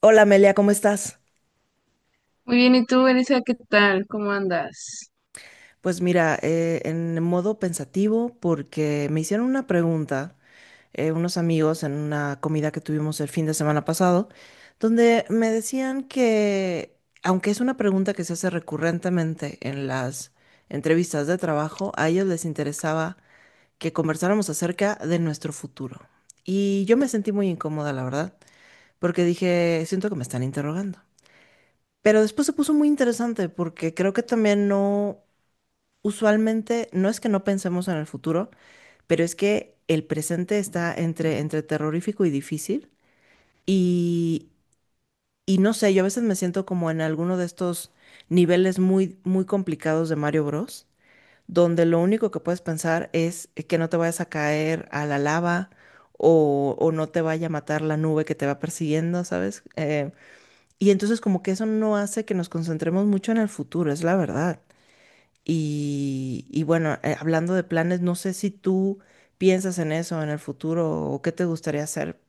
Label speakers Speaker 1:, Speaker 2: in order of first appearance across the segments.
Speaker 1: Hola Amelia, ¿cómo estás?
Speaker 2: Muy bien, ¿y tú, Elisa, qué tal? ¿Cómo andas?
Speaker 1: Pues mira, en modo pensativo porque me hicieron una pregunta unos amigos en una comida que tuvimos el fin de semana pasado, donde me decían que, aunque es una pregunta que se hace recurrentemente en las entrevistas de trabajo, a ellos les interesaba que conversáramos acerca de nuestro futuro. Y yo me sentí muy incómoda, la verdad, porque dije, siento que me están interrogando. Pero después se puso muy interesante porque creo que también no. Usualmente no es que no pensemos en el futuro, pero es que el presente está entre terrorífico y difícil. Y, y no sé, yo a veces me siento como en alguno de estos niveles muy, muy complicados de Mario Bros, donde lo único que puedes pensar es que no te vayas a caer a la lava o no te vaya a matar la nube que te va persiguiendo, ¿sabes? Y entonces como que eso no hace que nos concentremos mucho en el futuro, es la verdad. Y bueno, hablando de planes, no sé si tú piensas en eso en el futuro o qué te gustaría hacer.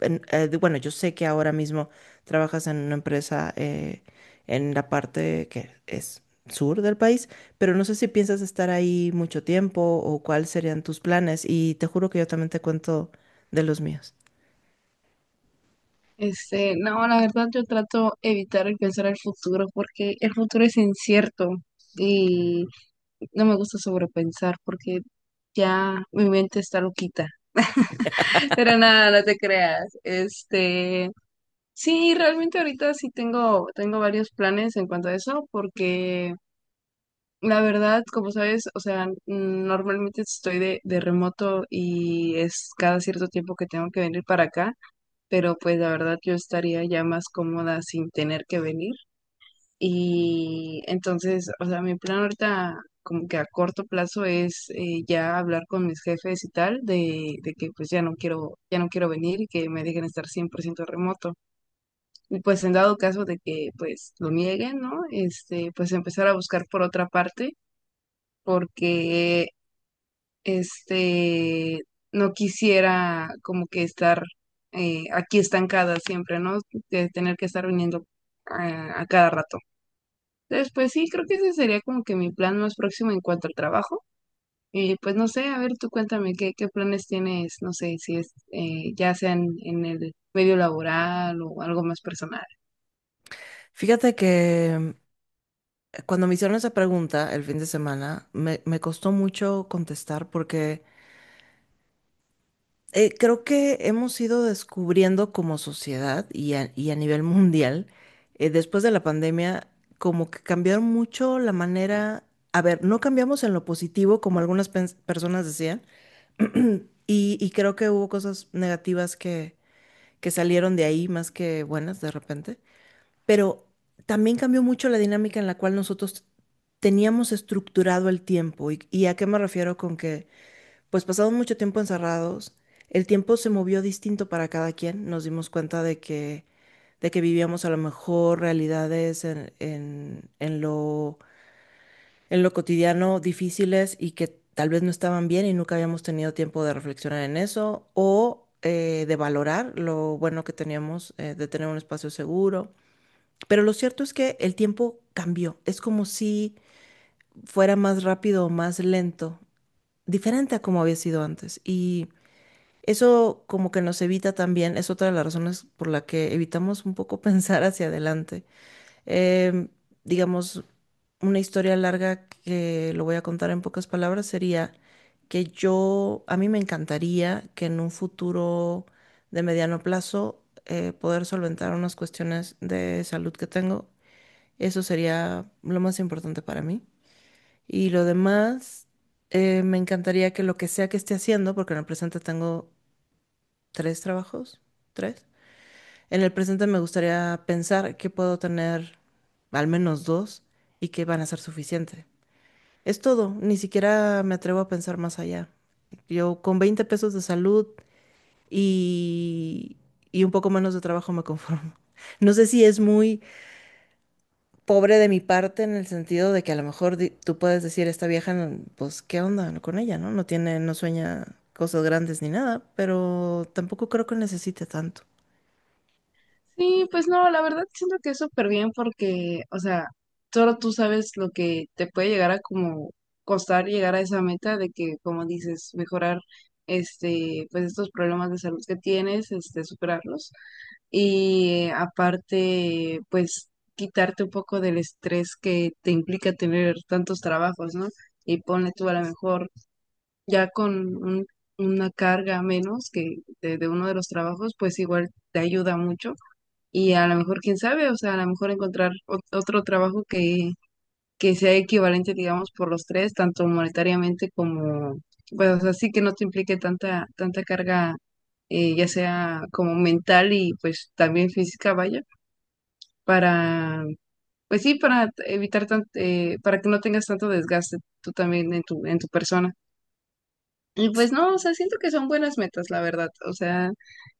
Speaker 1: Bueno, yo sé que ahora mismo trabajas en una empresa en la parte que es sur del país, pero no sé si piensas estar ahí mucho tiempo o cuáles serían tus planes. Y te juro que yo también te cuento de los míos.
Speaker 2: No, la verdad yo trato evitar el pensar el futuro porque el futuro es incierto y no me gusta sobrepensar porque ya mi mente está loquita. Pero nada, no te creas. Sí, realmente ahorita sí tengo varios planes en cuanto a eso porque la verdad, como sabes, o sea, normalmente estoy de remoto y es cada cierto tiempo que tengo que venir para acá. Pero pues la verdad yo estaría ya más cómoda sin tener que venir. Y entonces, o sea, mi plan ahorita como que a corto plazo es ya hablar con mis jefes y tal de que pues ya no quiero venir y que me dejen estar 100% remoto. Y pues en dado caso de que pues lo nieguen, ¿no? Pues empezar a buscar por otra parte porque este, no quisiera como que estar aquí estancada siempre, ¿no? De tener que estar viniendo a cada rato. Entonces, pues sí, creo que ese sería como que mi plan más próximo en cuanto al trabajo. Y pues no sé, a ver, tú cuéntame qué planes tienes, no sé, si es ya sea en el medio laboral o algo más personal.
Speaker 1: Fíjate que cuando me hicieron esa pregunta el fin de semana, me costó mucho contestar porque creo que hemos ido descubriendo como sociedad y a nivel mundial, después de la pandemia, como que cambiaron mucho la manera. A ver, no cambiamos en lo positivo, como algunas personas decían, y creo que hubo cosas negativas que salieron de ahí más que buenas de repente, pero también cambió mucho la dinámica en la cual nosotros teníamos estructurado el tiempo. Y a qué me refiero con que? Pues pasado mucho tiempo encerrados, el tiempo se movió distinto para cada quien, nos dimos cuenta de que vivíamos a lo mejor realidades en lo cotidiano difíciles y que tal vez no estaban bien y nunca habíamos tenido tiempo de reflexionar en eso o de valorar lo bueno que teníamos, de tener un espacio seguro. Pero lo cierto es que el tiempo cambió, es como si fuera más rápido o más lento, diferente a como había sido antes. Y eso como que nos evita también, es otra de las razones por la que evitamos un poco pensar hacia adelante. Em, digamos, una historia larga que lo voy a contar en pocas palabras sería que yo, a mí me encantaría que en un futuro de mediano plazo poder solventar unas cuestiones de salud que tengo. Eso sería lo más importante para mí. Y lo demás, me encantaría que lo que sea que esté haciendo, porque en el presente tengo tres trabajos, tres. En el presente me gustaría pensar que puedo tener al menos dos y que van a ser suficiente. Es todo, ni siquiera me atrevo a pensar más allá. Yo con 20 pesos de salud y, y un poco menos de trabajo me conformo. No sé si es muy pobre de mi parte en el sentido de que a lo mejor tú puedes decir, esta vieja, pues, ¿qué onda con ella, no? No tiene, no sueña cosas grandes ni nada, pero tampoco creo que necesite tanto.
Speaker 2: Sí, pues no, la verdad siento que es súper bien porque, o sea, solo tú sabes lo que te puede llegar a como costar llegar a esa meta de que, como dices, mejorar pues estos problemas de salud que tienes, este, superarlos. Y aparte, pues quitarte un poco del estrés que te implica tener tantos trabajos, ¿no? Y pone tú a lo mejor ya con un- una carga menos que de uno de los trabajos, pues igual te ayuda mucho y a lo mejor, quién sabe, o sea, a lo mejor encontrar otro trabajo que sea equivalente, digamos, por los tres, tanto monetariamente como, pues, o sea, sí que no te implique tanta carga, ya sea como mental y pues también física, vaya, para, pues sí, para evitar para que no tengas tanto desgaste tú también en en tu persona. Y pues no, o sea, siento que son buenas metas, la verdad, o sea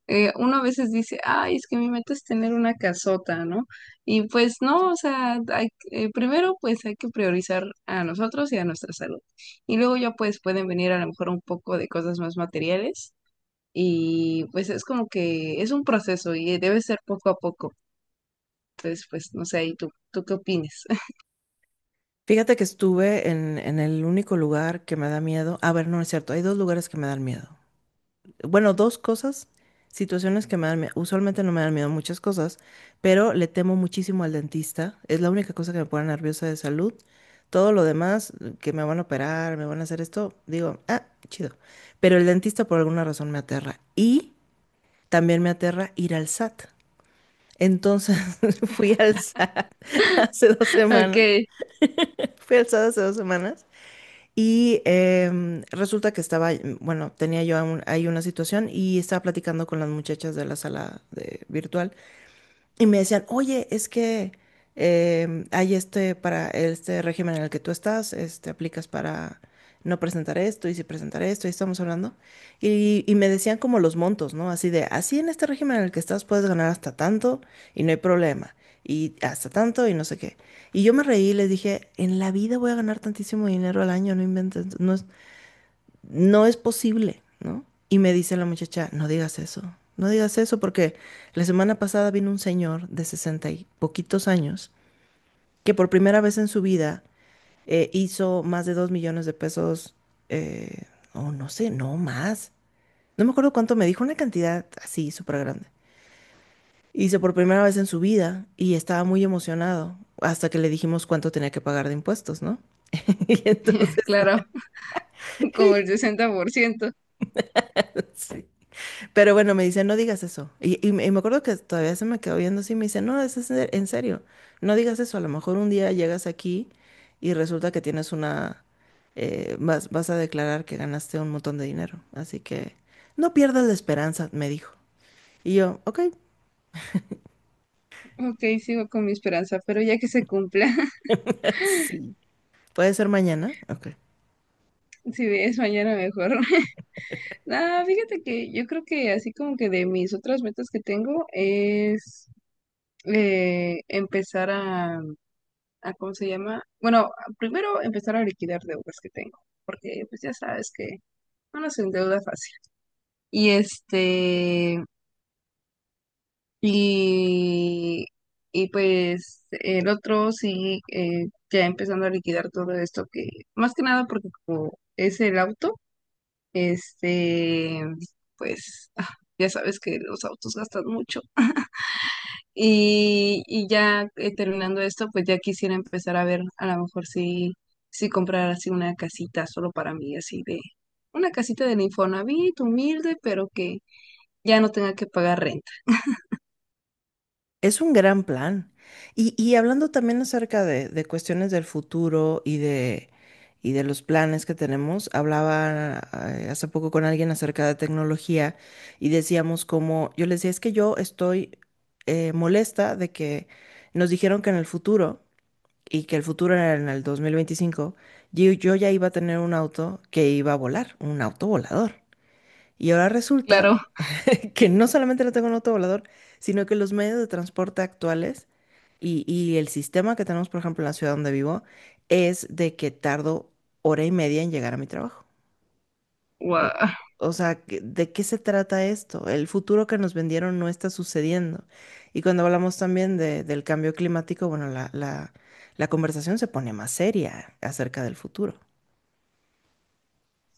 Speaker 2: uno a veces dice, ay, es que mi meta es tener una casota, ¿no? Y pues no, o sea, primero pues hay que priorizar a nosotros y a nuestra salud. Y luego ya pues pueden venir a lo mejor un poco de cosas más materiales y pues es como que es un proceso y debe ser poco a poco. Entonces, pues no sé, ahí tú, ¿tú qué opinas?
Speaker 1: Fíjate que estuve en el único lugar que me da miedo. A ver, no es cierto. Hay dos lugares que me dan miedo. Bueno, dos cosas, situaciones que me dan miedo. Usualmente no me dan miedo muchas cosas, pero le temo muchísimo al dentista. Es la única cosa que me pone nerviosa de salud. Todo lo demás, que me van a operar, me van a hacer esto, digo, ah, chido. Pero el dentista por alguna razón me aterra. Y también me aterra ir al SAT. Entonces fui al SAT hace 2 semanas.
Speaker 2: Ok,
Speaker 1: Fui al SAT hace dos semanas. Y resulta que estaba, bueno, tenía yo ahí una situación y estaba platicando con las muchachas de la sala de virtual. Y me decían, oye, es que hay este para este régimen en el que tú estás, este, aplicas para no presentar esto y si presentar esto, y estamos hablando. Y me decían como los montos, ¿no? Así de, así en este régimen en el que estás puedes ganar hasta tanto y no hay problema. Y hasta tanto y no sé qué. Y yo me reí y les dije, en la vida voy a ganar tantísimo dinero al año, no inventes, no, no es posible, ¿no? Y me dice la muchacha, no digas eso, no digas eso porque la semana pasada vino un señor de 60 y poquitos años que por primera vez en su vida hizo más de 2 millones de pesos, eh, no sé, no más. No me acuerdo cuánto me dijo, una cantidad así súper grande. Hizo por primera vez en su vida y estaba muy emocionado hasta que le dijimos cuánto tenía que pagar de impuestos, ¿no? Y entonces,
Speaker 2: claro, como el 60%.
Speaker 1: sí. Pero bueno, me dice, no digas eso. Y me acuerdo que todavía se me quedó viendo así, me dice, no, eso es en serio, no digas eso. A lo mejor un día llegas aquí y resulta que tienes una, vas, a declarar que ganaste un montón de dinero. Así que no pierdas la esperanza, me dijo. Y yo, ok.
Speaker 2: Ok, sigo con mi esperanza, pero ya que se cumpla.
Speaker 1: Sí, puede ser mañana. Ok.
Speaker 2: Si es mañana mejor. Ah, fíjate que yo creo que así como que de mis otras metas que tengo es empezar a, ¿cómo se llama? Bueno, primero empezar a liquidar deudas que tengo, porque pues ya sabes que uno se endeuda fácil. Y este, y, y pues el otro sí, ya empezando a liquidar todo esto que, más que nada porque como es el auto. Este, pues ah, ya sabes que los autos gastan mucho. Y ya terminando esto, pues ya quisiera empezar a ver a lo mejor si, si comprar así una casita solo para mí, así de una casita del Infonavit, humilde, pero que ya no tenga que pagar renta.
Speaker 1: Es un gran plan. Y hablando también acerca de cuestiones del futuro y de los planes que tenemos, hablaba hace poco con alguien acerca de tecnología y decíamos como, yo les decía, es que yo estoy molesta de que nos dijeron que en el futuro, y que el futuro era en el 2025 yo ya iba a tener un auto que iba a volar, un auto volador. Y ahora resulta
Speaker 2: Claro,
Speaker 1: que no solamente no tenga un autovolador, sino que los medios de transporte actuales y el sistema que tenemos, por ejemplo, en la ciudad donde vivo, es de que tardo hora y media en llegar a mi trabajo. O,
Speaker 2: guau.
Speaker 1: o sea, que ¿de qué se trata esto? El futuro que nos vendieron no está sucediendo. Y cuando hablamos también de del cambio climático, bueno, la conversación se pone más seria acerca del futuro.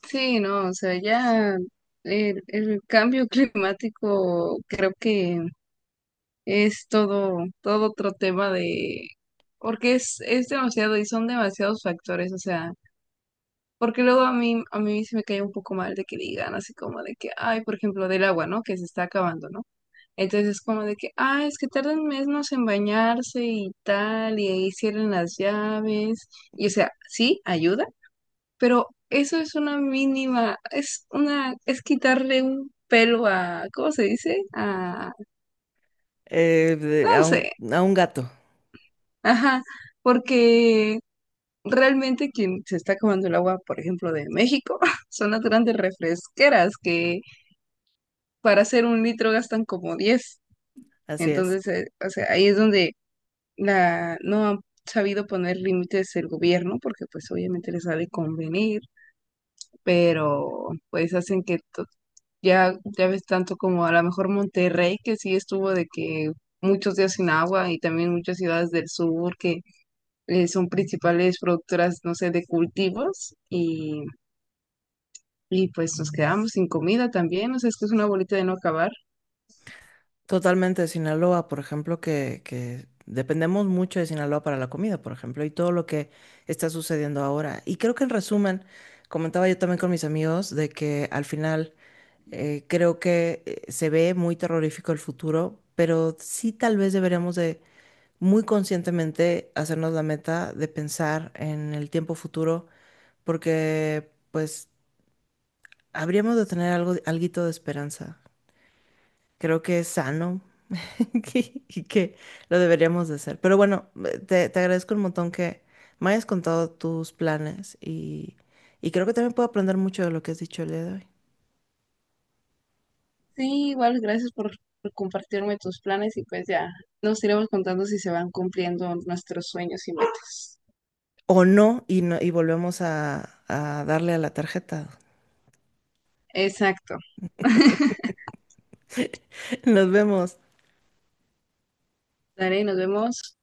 Speaker 2: Sí, no, o sea, ya el cambio climático creo que es todo otro tema de, porque es demasiado y son demasiados factores, o sea, porque luego a mí se me cae un poco mal de que digan así como de que, ay, por ejemplo, del agua, ¿no? Que se está acabando, ¿no? Entonces es como de que, ay, es que tardan meses en bañarse y tal, y ahí cierran las llaves, y o sea, sí, ayuda pero eso es una mínima, es una, es quitarle un pelo a, ¿cómo se dice? A,
Speaker 1: Eh, de-
Speaker 2: no
Speaker 1: a un,
Speaker 2: sé,
Speaker 1: a un gato,
Speaker 2: ajá, porque realmente quien se está acabando el agua, por ejemplo, de México, son las grandes refresqueras que para hacer un litro gastan como diez.
Speaker 1: así es.
Speaker 2: Entonces, o sea, ahí es donde la, no han sabido poner límites el gobierno, porque pues obviamente les ha de convenir, pero pues hacen que ya, ya ves tanto como a lo mejor Monterrey, que sí estuvo de que muchos días sin agua y también muchas ciudades del sur que son principales productoras, no sé, de cultivos y pues nos quedamos sin comida también, o sea, es que es una bolita de no acabar.
Speaker 1: Totalmente, Sinaloa, por ejemplo, que dependemos mucho de Sinaloa para la comida, por ejemplo, y todo lo que está sucediendo ahora. Y creo que en resumen, comentaba yo también con mis amigos de que al final creo que se ve muy terrorífico el futuro, pero sí tal vez deberíamos de muy conscientemente hacernos la meta de pensar en el tiempo futuro, porque pues habríamos de tener algo, alguito de esperanza. Creo que es sano y que lo deberíamos de hacer. Pero bueno, te agradezco un montón que me hayas contado tus planes y creo que también puedo aprender mucho de lo que has dicho el día de hoy.
Speaker 2: Sí, igual, gracias por compartirme tus planes y pues ya nos iremos contando si se van cumpliendo nuestros sueños y metas.
Speaker 1: O no, y, no, y volvemos a, darle a la tarjeta.
Speaker 2: Exacto.
Speaker 1: Nos vemos.
Speaker 2: Dale, nos vemos.